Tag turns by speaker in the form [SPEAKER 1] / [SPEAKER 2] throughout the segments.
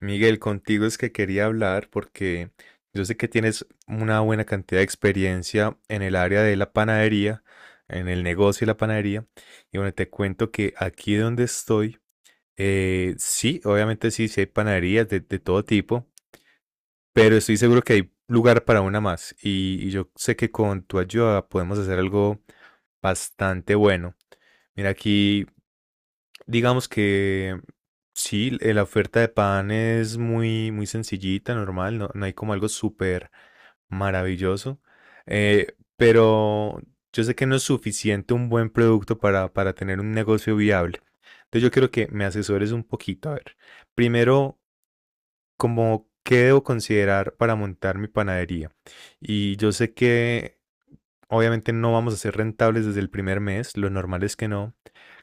[SPEAKER 1] Miguel, contigo es que quería hablar porque yo sé que tienes una buena cantidad de experiencia en el área de la panadería, en el negocio de la panadería. Y bueno, te cuento que aquí donde estoy, sí, obviamente sí, sí hay panaderías de todo tipo, pero estoy seguro que hay lugar para una más. Y yo sé que con tu ayuda podemos hacer algo bastante bueno. Mira aquí. Digamos que sí, la oferta de pan es muy, muy sencillita, normal, no, no hay como algo súper maravilloso, pero yo sé que no es suficiente un buen producto para tener un negocio viable. Entonces yo quiero que me asesores un poquito. A ver, primero, como, ¿qué debo considerar para montar mi panadería? Y yo sé que obviamente no vamos a ser rentables desde el primer mes, lo normal es que no.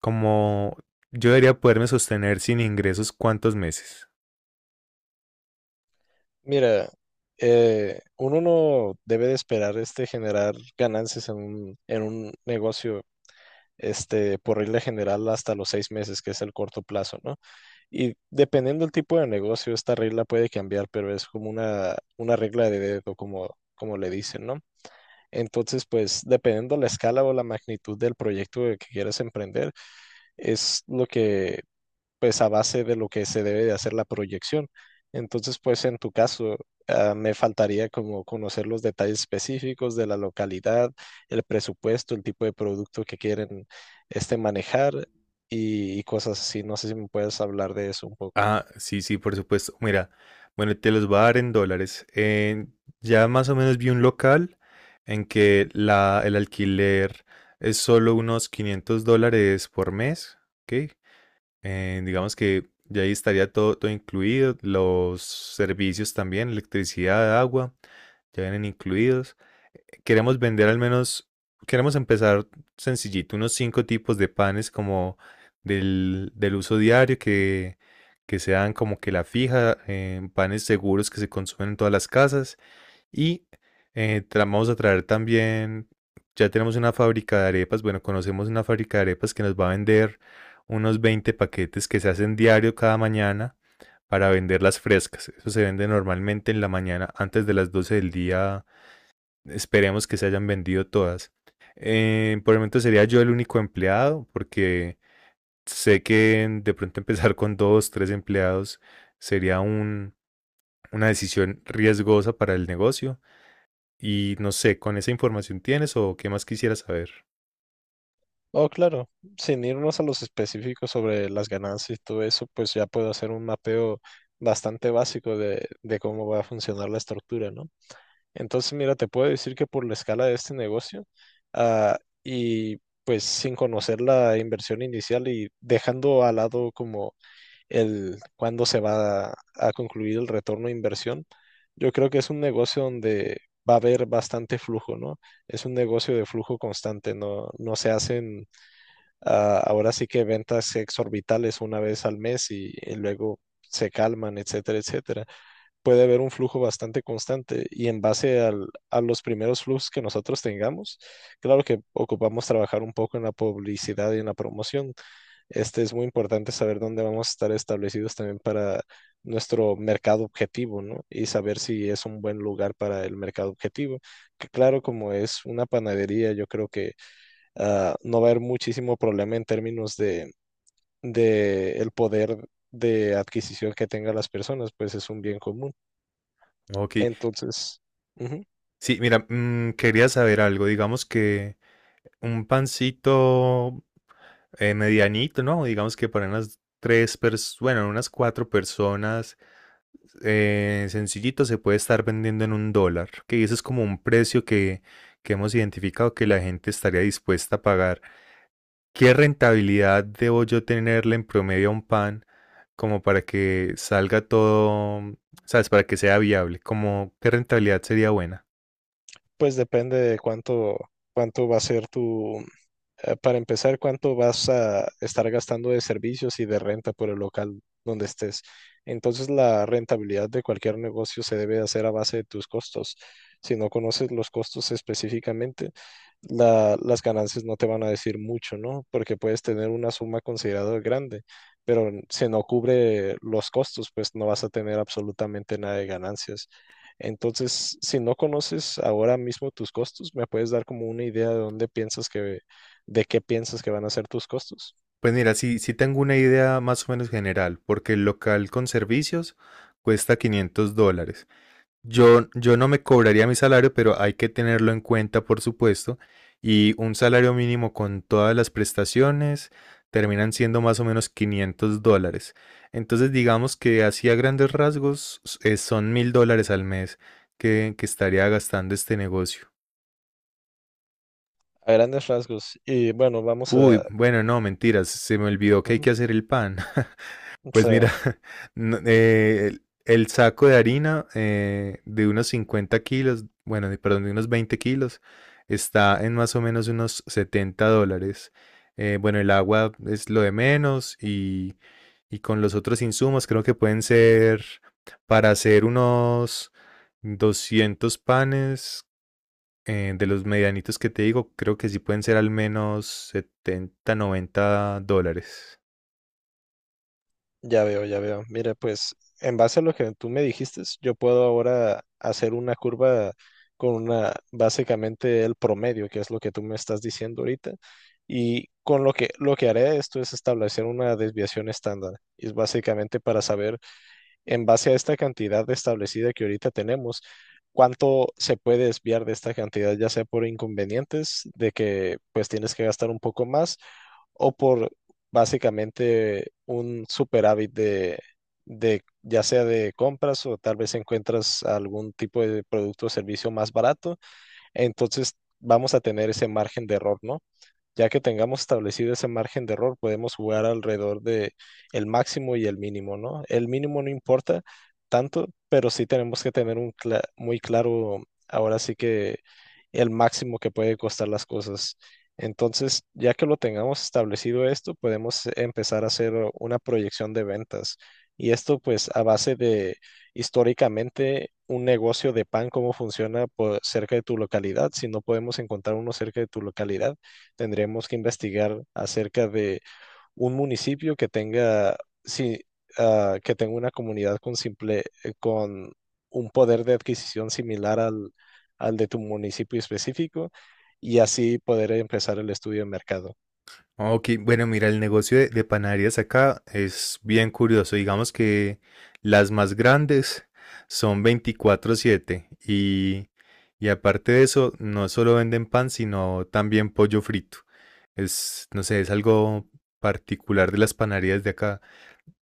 [SPEAKER 1] Como yo debería poderme sostener sin ingresos cuántos meses.
[SPEAKER 2] Mira, uno no debe de esperar generar ganancias en un negocio, por regla general hasta los 6 meses, que es el corto plazo, ¿no? Y dependiendo del tipo de negocio, esta regla puede cambiar, pero es como una regla de dedo, como le dicen, ¿no? Entonces, pues, dependiendo la escala o la magnitud del proyecto que quieras emprender, es lo que pues a base de lo que se debe de hacer la proyección. Entonces, pues en tu caso, me faltaría como conocer los detalles específicos de la localidad, el presupuesto, el tipo de producto que quieren manejar y cosas así. No sé si me puedes hablar de eso un poco.
[SPEAKER 1] Ah, sí, sí, por supuesto. Mira, bueno, te los voy a dar en dólares. Ya más o menos vi un local en que la, el alquiler es solo unos $500 por mes, ¿ok? Digamos que ya ahí estaría todo, todo incluido, los servicios también, electricidad, agua, ya vienen incluidos. Queremos vender al menos, queremos empezar sencillito, unos cinco tipos de panes como del uso diario que sean como que la fija, panes seguros que se consumen en todas las casas y vamos a traer también, ya tenemos una fábrica de arepas, bueno, conocemos una fábrica de arepas que nos va a vender unos 20 paquetes que se hacen diario cada mañana para vender las frescas. Eso se vende normalmente en la mañana antes de las 12 del día. Esperemos que se hayan vendido todas. Por el momento sería yo el único empleado, porque sé que de pronto empezar con dos, tres empleados sería una decisión riesgosa para el negocio. Y no sé, ¿con esa información tienes o qué más quisieras saber?
[SPEAKER 2] Oh, claro, sin irnos a los específicos sobre las ganancias y todo eso, pues ya puedo hacer un mapeo bastante básico de cómo va a funcionar la estructura, ¿no? Entonces, mira, te puedo decir que por la escala de este negocio, ah, y pues sin conocer la inversión inicial y dejando al lado como el cuándo se va a concluir el retorno de inversión, yo creo que es un negocio donde va a haber bastante flujo, ¿no? Es un negocio de flujo constante, no, no se hacen, ahora sí que ventas exorbitales una vez al mes y luego se calman, etcétera, etcétera. Puede haber un flujo bastante constante y en base a los primeros flujos que nosotros tengamos, claro que ocupamos trabajar un poco en la publicidad y en la promoción. Es muy importante saber dónde vamos a estar establecidos también para nuestro mercado objetivo, ¿no? Y saber si es un buen lugar para el mercado objetivo. Que claro, como es una panadería, yo creo que no va a haber muchísimo problema en términos de el poder de adquisición que tengan las personas, pues es un bien común.
[SPEAKER 1] Ok,
[SPEAKER 2] Entonces, ujú,
[SPEAKER 1] sí, mira, quería saber algo, digamos que un pancito medianito, ¿no? Digamos que para unas tres personas, bueno, unas cuatro personas, sencillito se puede estar vendiendo en un dólar, que eso es como un precio que hemos identificado que la gente estaría dispuesta a pagar. ¿Qué rentabilidad debo yo tenerle en promedio a un pan como para que salga todo, mm, sabes, para que sea viable? Como, ¿qué rentabilidad sería buena?
[SPEAKER 2] pues depende de cuánto va a ser tu. Para empezar, ¿cuánto vas a estar gastando de servicios y de renta por el local donde estés? Entonces, la rentabilidad de cualquier negocio se debe hacer a base de tus costos. Si no conoces los costos específicamente, las ganancias no te van a decir mucho, ¿no? Porque puedes tener una suma considerada grande, pero si no cubre los costos, pues no vas a tener absolutamente nada de ganancias. Entonces, si no conoces ahora mismo tus costos, me puedes dar como una idea de qué piensas que van a ser tus costos.
[SPEAKER 1] Pues mira, sí, sí tengo una idea más o menos general, porque el local con servicios cuesta $500. Yo no me cobraría mi salario, pero hay que tenerlo en cuenta, por supuesto. Y un salario mínimo con todas las prestaciones terminan siendo más o menos $500. Entonces, digamos que así a grandes rasgos son $1.000 al mes que estaría gastando este negocio.
[SPEAKER 2] A grandes rasgos. Y bueno, vamos
[SPEAKER 1] Uy,
[SPEAKER 2] a...
[SPEAKER 1] bueno, no, mentiras, se me olvidó que hay
[SPEAKER 2] Ujú,
[SPEAKER 1] que hacer el pan. Pues
[SPEAKER 2] sí,
[SPEAKER 1] mira, el saco de harina de unos 50 kilos, perdón, de unos 20 kilos, está en más o menos unos $70. Bueno, el agua es lo de menos y con los otros insumos creo que pueden ser para hacer unos 200 panes, de los medianitos que te digo, creo que sí pueden ser al menos $70, $90.
[SPEAKER 2] ya veo, ya veo. Mira, pues en base a lo que tú me dijiste, yo puedo ahora hacer una curva básicamente el promedio, que es lo que tú me estás diciendo ahorita. Y con lo que haré esto es establecer una desviación estándar. Y es básicamente para saber en base a esta cantidad establecida que ahorita tenemos, cuánto se puede desviar de esta cantidad, ya sea por inconvenientes de que pues tienes que gastar un poco más o por básicamente un superávit de ya sea de compras o tal vez encuentras algún tipo de producto o servicio más barato, entonces vamos a tener ese margen de error, ¿no? Ya que tengamos establecido ese margen de error, podemos jugar alrededor de el máximo y el mínimo, ¿no? El mínimo no importa tanto, pero sí tenemos que tener un muy claro, ahora sí que el máximo que puede costar las cosas. Entonces, ya que lo tengamos establecido esto, podemos empezar a hacer una proyección de ventas. Y esto, pues, a base de históricamente un negocio de pan, cómo funciona por cerca de tu localidad, si no podemos encontrar uno cerca de tu localidad tendremos que investigar acerca de un municipio que tenga, sí, que tenga una comunidad con con un poder de adquisición similar al de tu municipio específico y así poder empezar el estudio de mercado.
[SPEAKER 1] Ah, ok, bueno, mira, el negocio de panaderías acá es bien curioso. Digamos que las más grandes son 24/7 y aparte de eso, no solo venden pan, sino también pollo frito. Es, no sé, es algo particular de las panaderías de acá.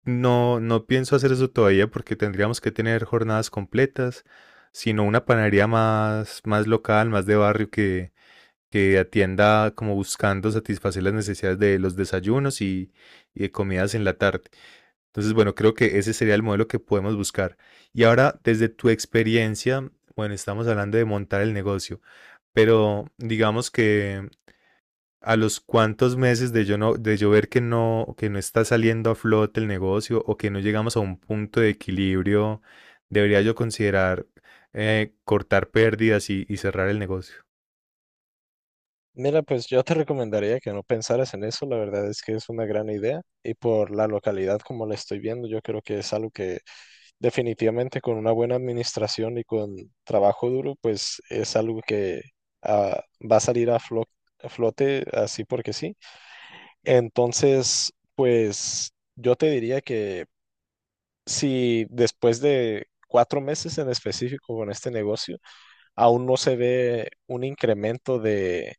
[SPEAKER 1] No, no pienso hacer eso todavía porque tendríamos que tener jornadas completas, sino una panadería más, más local, más de barrio que atienda como buscando satisfacer las necesidades de los desayunos y de comidas en la tarde. Entonces, bueno, creo que ese sería el modelo que podemos buscar. Y ahora, desde tu experiencia, bueno, estamos hablando de montar el negocio, pero digamos que a los cuantos meses de yo ver que no está saliendo a flote el negocio o que no llegamos a un punto de equilibrio, debería yo considerar cortar pérdidas y cerrar el negocio.
[SPEAKER 2] Mira, pues yo te recomendaría que no pensaras en eso, la verdad es que es una gran idea y por la localidad como la estoy viendo, yo creo que es algo que definitivamente con una buena administración y con trabajo duro, pues es algo que va a salir a a flote así porque sí. Entonces, pues yo te diría que si después de 4 meses en específico con este negocio, aún no se ve un incremento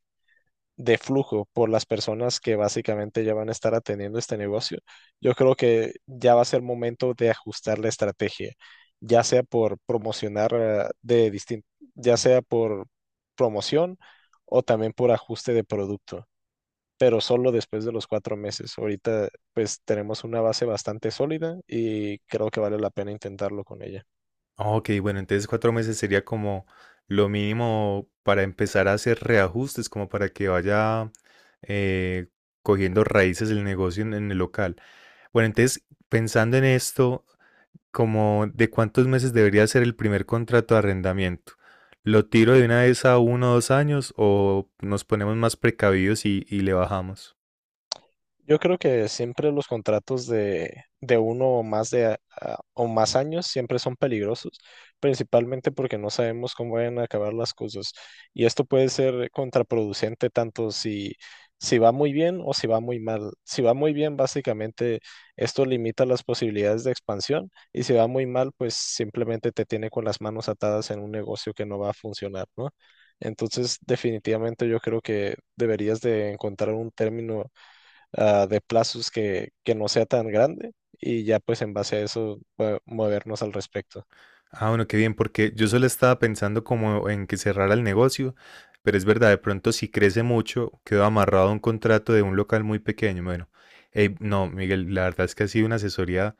[SPEAKER 2] de flujo por las personas que básicamente ya van a estar atendiendo este negocio, yo creo que ya va a ser momento de ajustar la estrategia, ya sea por promocionar de distinto, ya sea por promoción o también por ajuste de producto, pero solo después de los 4 meses. Ahorita pues tenemos una base bastante sólida y creo que vale la pena intentarlo con ella.
[SPEAKER 1] Ah, ok, bueno, entonces 4 meses sería como lo mínimo para empezar a hacer reajustes, como para que vaya eh, cogiendo raíces el negocio en el local. Bueno, entonces pensando en esto, como de cuántos meses debería ser el primer contrato de arrendamiento. ¿Lo tiro de una vez a uno o dos años o nos ponemos más precavidos y le bajamos?
[SPEAKER 2] Yo creo que siempre los contratos de uno o más o más años siempre son peligrosos, principalmente porque no sabemos cómo van a acabar las cosas. Y esto puede ser contraproducente tanto si va muy bien o si va muy mal. Si va muy bien, básicamente esto limita las posibilidades de expansión y si va muy mal, pues simplemente te tiene con las manos atadas en un negocio que no va a funcionar, ¿no? Entonces, definitivamente yo creo que deberías de encontrar un término de plazos que no sea tan grande y ya pues en base a eso movernos al respecto.
[SPEAKER 1] Ah, bueno, qué bien, porque yo solo estaba pensando como en que cerrara el negocio, pero es verdad, de pronto si crece mucho, quedo amarrado a un contrato de un local muy pequeño. Bueno, no, Miguel, la verdad es que ha sido una asesoría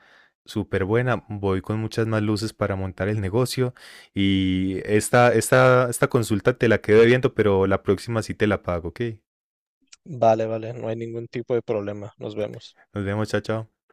[SPEAKER 1] súper buena. Voy con muchas más luces para montar el negocio y esta consulta te la quedo debiendo, pero la próxima sí te la pago, ¿ok?
[SPEAKER 2] Vale, vale, no hay ningún tipo de problema. Nos vemos.
[SPEAKER 1] Nos vemos, chao, chao.